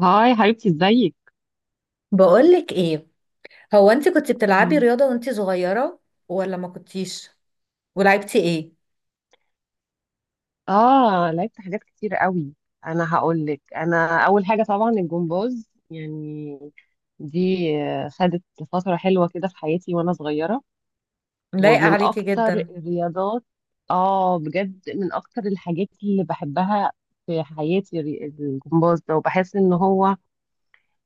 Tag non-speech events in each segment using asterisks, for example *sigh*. هاي حبيبتي، ازيك؟ بقولك ايه. هو انت كنت بتلعبي مم. رياضة وانت صغيرة ولا ما كنتيش ولعبتي ايه؟ اه، لعبت حاجات كتير قوي. انا هقول لك، انا اول حاجه طبعا الجمباز، يعني دي. خدت فتره حلوه كده في حياتي وانا صغيره، لايقة ومن عليكي اكتر جدا. الرياضات. اه بجد، من اكتر الحاجات اللي بحبها في حياتي الجمباز ده، وبحس ان هو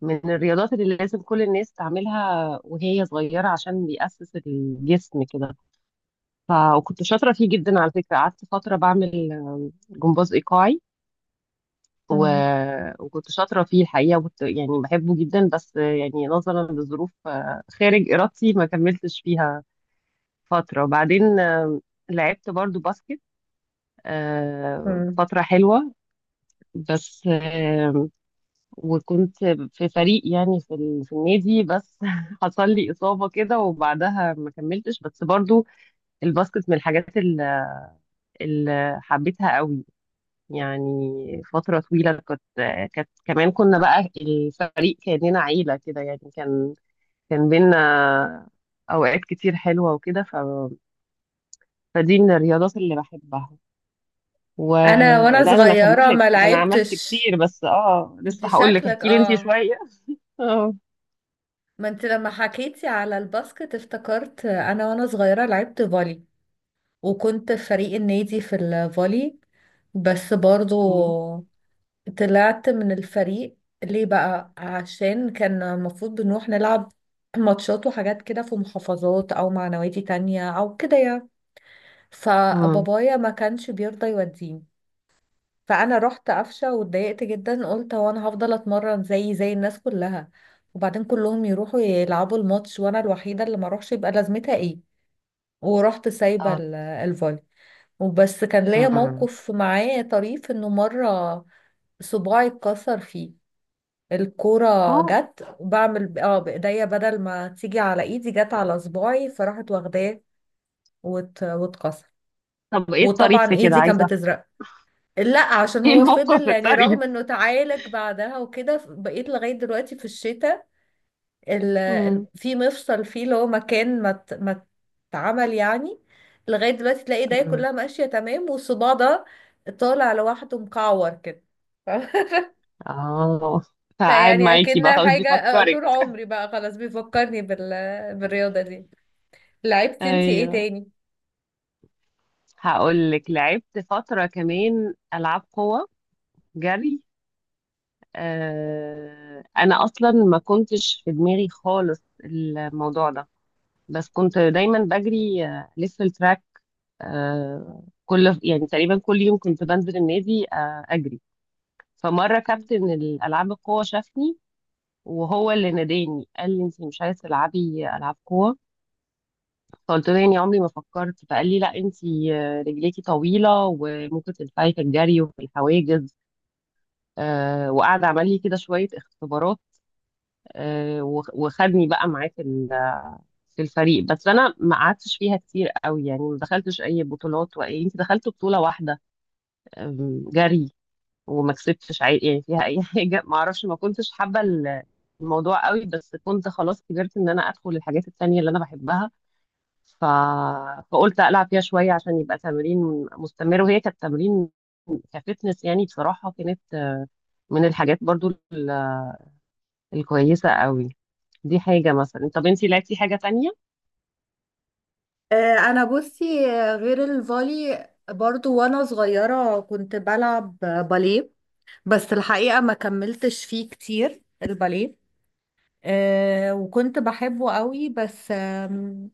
من الرياضات اللي لازم كل الناس تعملها وهي صغيره، عشان بيأسس الجسم كده. وكنت شاطره فيه جدا على فكره، قعدت فتره بعمل جمباز ايقاعي. و... مم. وكنت شاطره فيه الحقيقه، وكنت يعني بحبه جدا، بس يعني نظرا لظروف خارج ارادتي ما كملتش فيها فتره. وبعدين لعبت برضو باسكت، مم. فتره حلوه. بس وكنت في فريق، يعني في في النادي، بس *laughs* حصل لي اصابه كده وبعدها ما كملتش. بس برضو الباسكت من الحاجات اللي حبيتها قوي، يعني فترة طويلة كنت. كانت كمان كنا بقى الفريق كأننا عيلة كده، يعني كان بينا أوقات كتير حلوة وكده. ف... فدي من الرياضات اللي بحبها. انا ولا وانا ده أنا أكمل صغيرة لك؟ ما ده أنا عملت لعبتش. كتير بس اه انت لسه. هقول لك، شكلك احكي لي أنتي اه. شوية *laughs* اه. ما انت لما حكيتي على الباسكت افتكرت انا وانا صغيرة لعبت فولي، وكنت في فريق النادي في الفولي، بس برضو مم. طلعت من الفريق. ليه بقى؟ عشان كان المفروض بنروح نلعب ماتشات وحاجات كده في محافظات او مع نوادي تانية او كده يعني، مم. فبابايا ما كانش بيرضى يوديني. فانا رحت قفشة واتضايقت جدا، قلت هو انا هفضل اتمرن زي الناس كلها، وبعدين كلهم يروحوا يلعبوا الماتش وانا الوحيدة اللي ما اروحش، يبقى لازمتها ايه؟ ورحت سايبة اه. الفولي. وبس كان ليا مم. موقف معاه طريف، انه مرة صباعي اتكسر فيه. الكورة اه. جت وبعمل بإيديا، بدل ما تيجي على إيدي جت على صباعي فراحت واخداه واتكسر. طب إيه الطريف وطبعا في كده؟ إيدي كانت عايزة *laughs* أفهم. بتزرق. لا عشان إيه هو الموقف فضل، يعني الطريف؟ رغم انه تعالج بعدها وكده، بقيت لغاية دلوقتي في الشتاء مم. في مفصل فيه، اللي هو مكان ما اتعمل يعني. لغاية دلوقتي تلاقي ايديا مم. كلها ماشية تمام، والصباع ده طالع لوحده مكعور كده. *laughs* اه *laughs* فقاعد فيعني معاكي بقى اكنها خلاص حاجة، بيفكرك. طول عمري بقى خلاص بيفكرني بالرياضة دي. لعبتي انتي ايه ايوه، تاني؟ هقول لك. لعبت فترة كمان ألعاب قوة، جري. آه، أنا أصلا ما كنتش في دماغي خالص الموضوع ده، بس كنت دايما بجري، لف التراك. آه، كل يعني تقريبا كل يوم كنت بنزل النادي أجري. فمرة مم. كابتن الألعاب القوة شافني، وهو اللي ناداني قال لي: انت مش عايزه تلعبي العاب قوه؟ فقلت له: يعني عمري ما فكرت. فقال لي: لا انت، رجليكي طويله وممكن تنفعي في الجري وفي الحواجز. وقعد عمل لي كده شوية اختبارات، وخدني بقى معاه في في الفريق. بس أنا ما قعدتش فيها كتير قوي، يعني ما دخلتش أي بطولات. وأي، أنت دخلت بطولة واحدة، جري. وما كسبتش يعني فيها أي *laughs* حاجة. ما أعرفش، ما كنتش حابة الموضوع قوي، بس كنت خلاص كبرت إن أنا أدخل الحاجات التانية اللي أنا بحبها. ف... فقلت ألعب فيها شوية عشان يبقى تمرين مستمر، وهي كانت تمرين كفتنس. يعني بصراحة كانت من الحاجات برضو الكويسة قوي. دي حاجة مثلا. طب انتي لعبتي حاجة تانية؟ انا بصي، غير الفولي برضو وانا صغيرة كنت بلعب باليه. بس الحقيقة ما كملتش فيه كتير الباليه. وكنت بحبه قوي، بس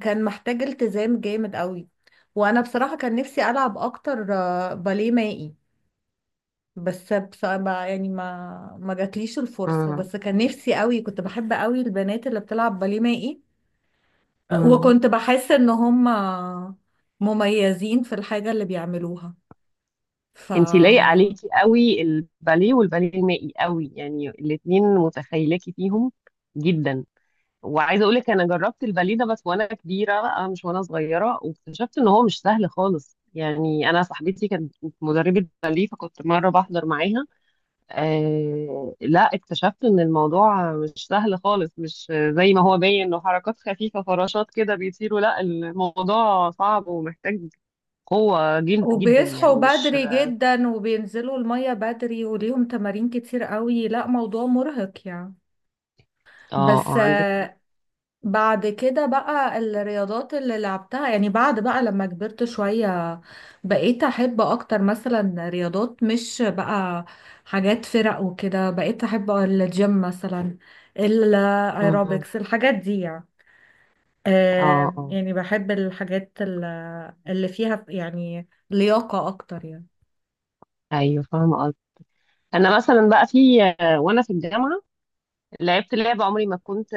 كان محتاج التزام جامد قوي. وانا بصراحة كان نفسي العب اكتر باليه مائي، بس بصراحة يعني ما جاتليش الفرصة، مم. بس كان نفسي قوي، كنت بحب قوي البنات اللي بتلعب باليه مائي. مم. وكنت بحس ان هم مميزين في الحاجة اللي بيعملوها. ف انتي لايق عليكي قوي الباليه والباليه المائي قوي، يعني الاتنين متخيلاكي فيهم جدا. وعايزة اقولك انا جربت الباليه ده، بس وانا كبيرة بقى مش وانا صغيرة، واكتشفت ان هو مش سهل خالص. يعني انا صاحبتي كانت مدربة باليه، فكنت مرة بحضر معاها. آه لا، اكتشفت ان الموضوع مش سهل خالص، مش زي ما هو باين انه حركات خفيفة فراشات كده بيطيروا. لا، الموضوع صعب ومحتاج قوة جد جدا، وبيصحوا يعني مش. بدري جدا وبينزلوا المية بدري وليهم تمارين كتير قوي، لا موضوع مرهق يعني. اه اه بس عندك حق. بعد كده بقى الرياضات اللي لعبتها، يعني بعد بقى لما كبرت شوية بقيت أحب أكتر مثلا رياضات، مش بقى حاجات فرق وكده، بقيت أحب الجيم مثلا، اه الأيروبكس، الحاجات دي يعني. اه. آه. يعني بحب الحاجات اللي فيها يعني لياقة أكتر يعني. ايوه فاهمة قصدي. انا مثلا بقى في وانا في الجامعة لعبت لعبة عمري ما كنت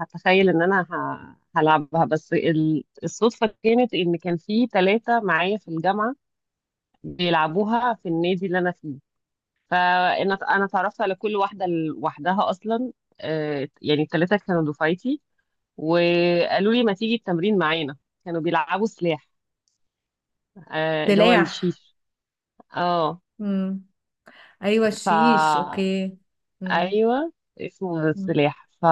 هتخيل ان انا هلعبها. بس الصدفة كانت ان كان في ثلاثة معايا في الجامعة بيلعبوها في النادي اللي انا فيه. فانا، اتعرفت على كل واحدة لوحدها اصلا. يعني الثلاثة كانوا دفعتي، وقالوا لي: ما تيجي التمرين معانا؟ كانوا بيلعبوا سلاح، اللي هو سلاح. الشيش. اه. مم. أيوة، الشيش، فا أوكي. مم. ايوه، اسمه مم. السلاح.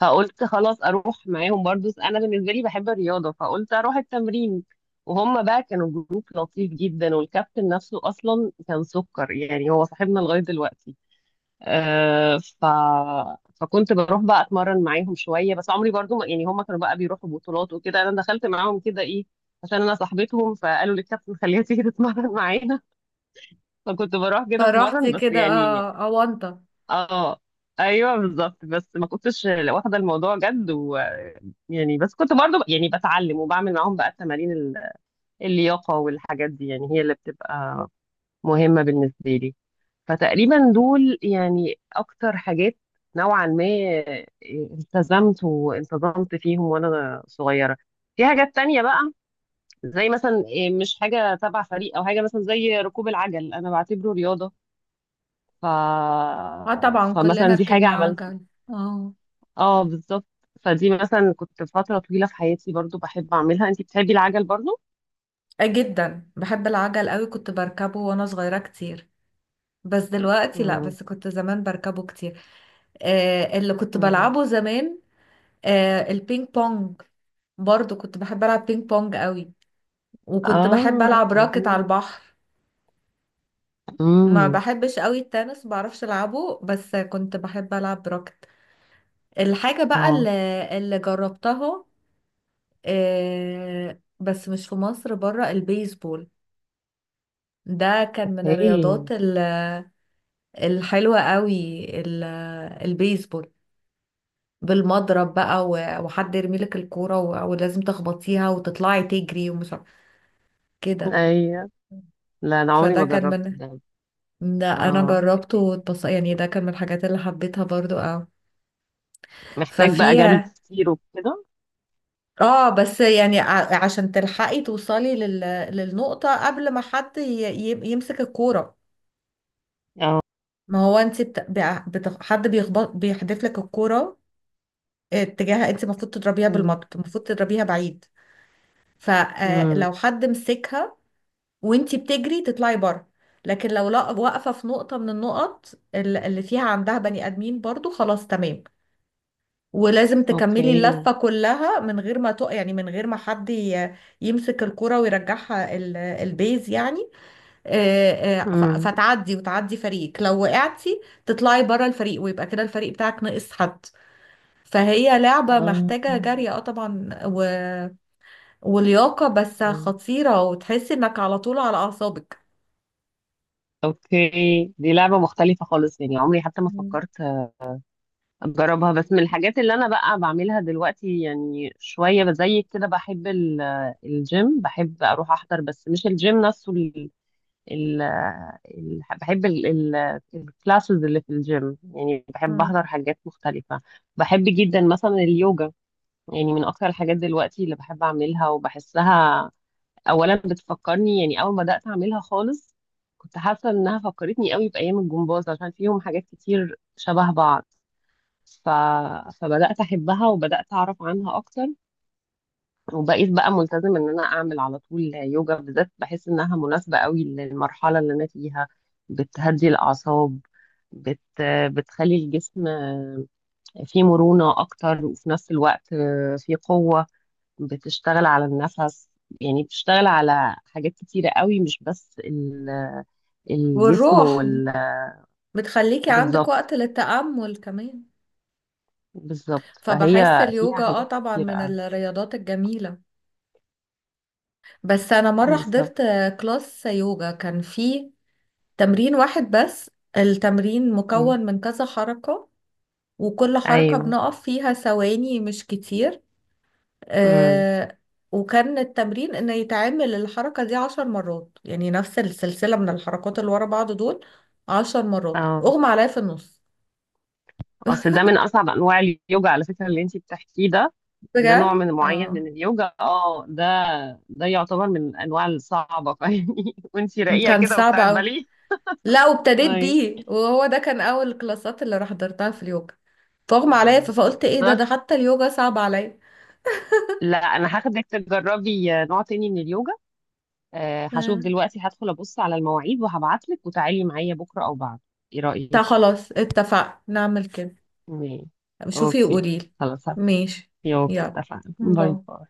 فقلت خلاص اروح معاهم، برضو انا بالنسبه لي بحب الرياضه فقلت اروح التمرين. وهم بقى كانوا جروب لطيف جدا، والكابتن نفسه اصلا كان سكر، يعني هو صاحبنا لغايه دلوقتي. آه. فكنت بروح بقى اتمرن معاهم شويه، بس عمري برضو ما يعني. هم كانوا بقى بيروحوا بطولات وكده، انا دخلت معاهم كده ايه عشان انا صاحبتهم، فقالوا للكابتن خليها تيجي تتمرن *laughs* معانا. فكنت بروح كده فرحت اتمرن بس كده، يعني. اه، أونطة. اه، ايوه بالظبط، بس ما كنتش واخده الموضوع جد. ويعني بس كنت برضو يعني بتعلم، وبعمل معاهم بقى التمارين اللياقه والحاجات دي، يعني هي اللي بتبقى مهمه بالنسبه لي. فتقريبا دول يعني اكتر حاجات نوعا ما آه، التزمت وانتظمت فيهم وانا صغيره. في حاجات تانية بقى زي مثلا مش حاجة تبع فريق، أو حاجة مثلا زي ركوب العجل، أنا بعتبره رياضة. ف... اه، طبعا فمثلا كلنا دي حاجة ركبنا عملتها. عجل. اه. اه بالظبط. فدي مثلا كنت فترة طويلة في حياتي برضو بحب أعملها. أنتي بتحبي العجل برضو؟ آه جدا بحب العجل قوي، كنت بركبه وانا صغيرة كتير، بس دلوقتي لا، مم. بس كنت زمان بركبه كتير. اللي كنت مم. بلعبه زمان البينج بونج، برضو كنت بحب العب بينج بونج قوي، وكنت بحب اه العب راكت لذيذ. على البحر. ما امم. بحبش قوي التنس، بعرفش العبه، بس كنت بحب العب راكت. الحاجة بقى اه. اللي جربتها، بس مش في مصر، بره، البيسبول. ده كان من اوكي. الرياضات الحلوة قوي، البيسبول. بالمضرب بقى وحد يرمي لك الكورة ولازم تخبطيها وتطلعي تجري كده ده. ايوه. لا، انا عمري فده ما كان جربت من ده. ده انا اه، جربته واتبص، يعني ده كان من الحاجات اللي حبيتها برضو اه. محتاج بقى جري ففيها كتير وكده. اه بس يعني عشان تلحقي توصلي للنقطة قبل ما حد يمسك الكورة. اه. ما هو انت بت... بع- بت... حد بيخبط، بيحدف لك الكورة اتجاهها، انت المفروض تضربيها امم. بالمضرب، المفروض تضربيها بعيد. امم. فلو حد مسكها وانت بتجري تطلعي بره، لكن لو لا، واقفه في نقطه من النقط اللي فيها عندها بني ادمين برضو، خلاص تمام، ولازم تكملي اوكي. اللفه كلها من غير ما حد يمسك الكره ويرجعها البيز يعني. امم. فتعدي وتعدي فريقك، لو وقعتي تطلعي بره الفريق ويبقى كده الفريق بتاعك ناقص حد. فهي لعبة اه. محتاجة جري، اه طبعا، ولياقة، بس مم. خطيرة، وتحسي انك على طول على اعصابك. اوكي، دي لعبة مختلفة خالص، يعني عمري حتى ما مم. فكرت اجربها. بس من الحاجات اللي انا بقى بعملها دلوقتي يعني، شويه بزيك كده، بحب الجيم. بحب اروح احضر، بس مش الجيم نفسه، ال ال ال بحب الكلاسز اللي في الجيم. يعني بحب مم. احضر حاجات مختلفه. بحب جدا مثلا اليوجا، يعني من اكتر الحاجات دلوقتي اللي بحب اعملها وبحسها. اولا بتفكرني، يعني اول ما بدات اعملها خالص كنت حاسه انها فكرتني قوي بايام الجمباز، عشان فيهم حاجات كتير شبه بعض. ف... فبدأت أحبها وبدأت أعرف عنها أكتر. وبقيت بقى ملتزم إن أنا أعمل على طول يوجا بالذات. بحس إنها مناسبة قوي للمرحلة اللي أنا فيها. بتهدي الأعصاب، بت... بتخلي الجسم فيه مرونة أكتر، وفي نفس الوقت فيه قوة. بتشتغل على النفس، يعني بتشتغل على حاجات كتيرة قوي، مش بس الجسم والروح، بتخليكي عندك بالظبط. وقت للتأمل كمان. بالظبط، فبحس فهي فيها اليوجا حاجات طبعا كتيرة من قوي. الرياضات الجميلة، بس انا مرة بالظبط. حضرت كلاس يوجا كان فيه تمرين واحد بس. التمرين مم. مكون من كذا حركة، وكل حركة أيوه. بنقف فيها ثواني مش كتير. امم. آه وكان التمرين ان يتعمل الحركة دي 10 مرات، يعني نفس السلسلة من الحركات اللي ورا بعض دول 10 مرات، اه. اغمى عليا في النص. اصل ده *laughs* من اصعب انواع اليوجا على فكره اللي انت بتحكيه ده. ده نوع بجد من معين اه. من اليوجا، اه ده، ده يعتبر من الانواع الصعبه *laughs* فاهمني؟ وانت راقيه كان كده صعب وبتاعت اوي. بالي. لا، وابتديت هاي. بيه وهو ده كان اول الكلاسات اللي حضرتها في اليوجا، فاغمى عليا، آه. فقلت ايه ده بس ده حتى اليوجا صعب عليا. لا، انا هاخدك تجربي نوع تاني من اليوجا. آه، هشوف آه. دلوقتي، هدخل ابص على المواعيد وهبعت لك وتعالي معايا بكره او بعد، ايه طب رايك؟ خلاص اتفقنا نعمل كده. ماشي. شوفي اوكي. وقوليلي. خلاص. ماشي. اوكي يلا. اتفقنا، باي باي. باي.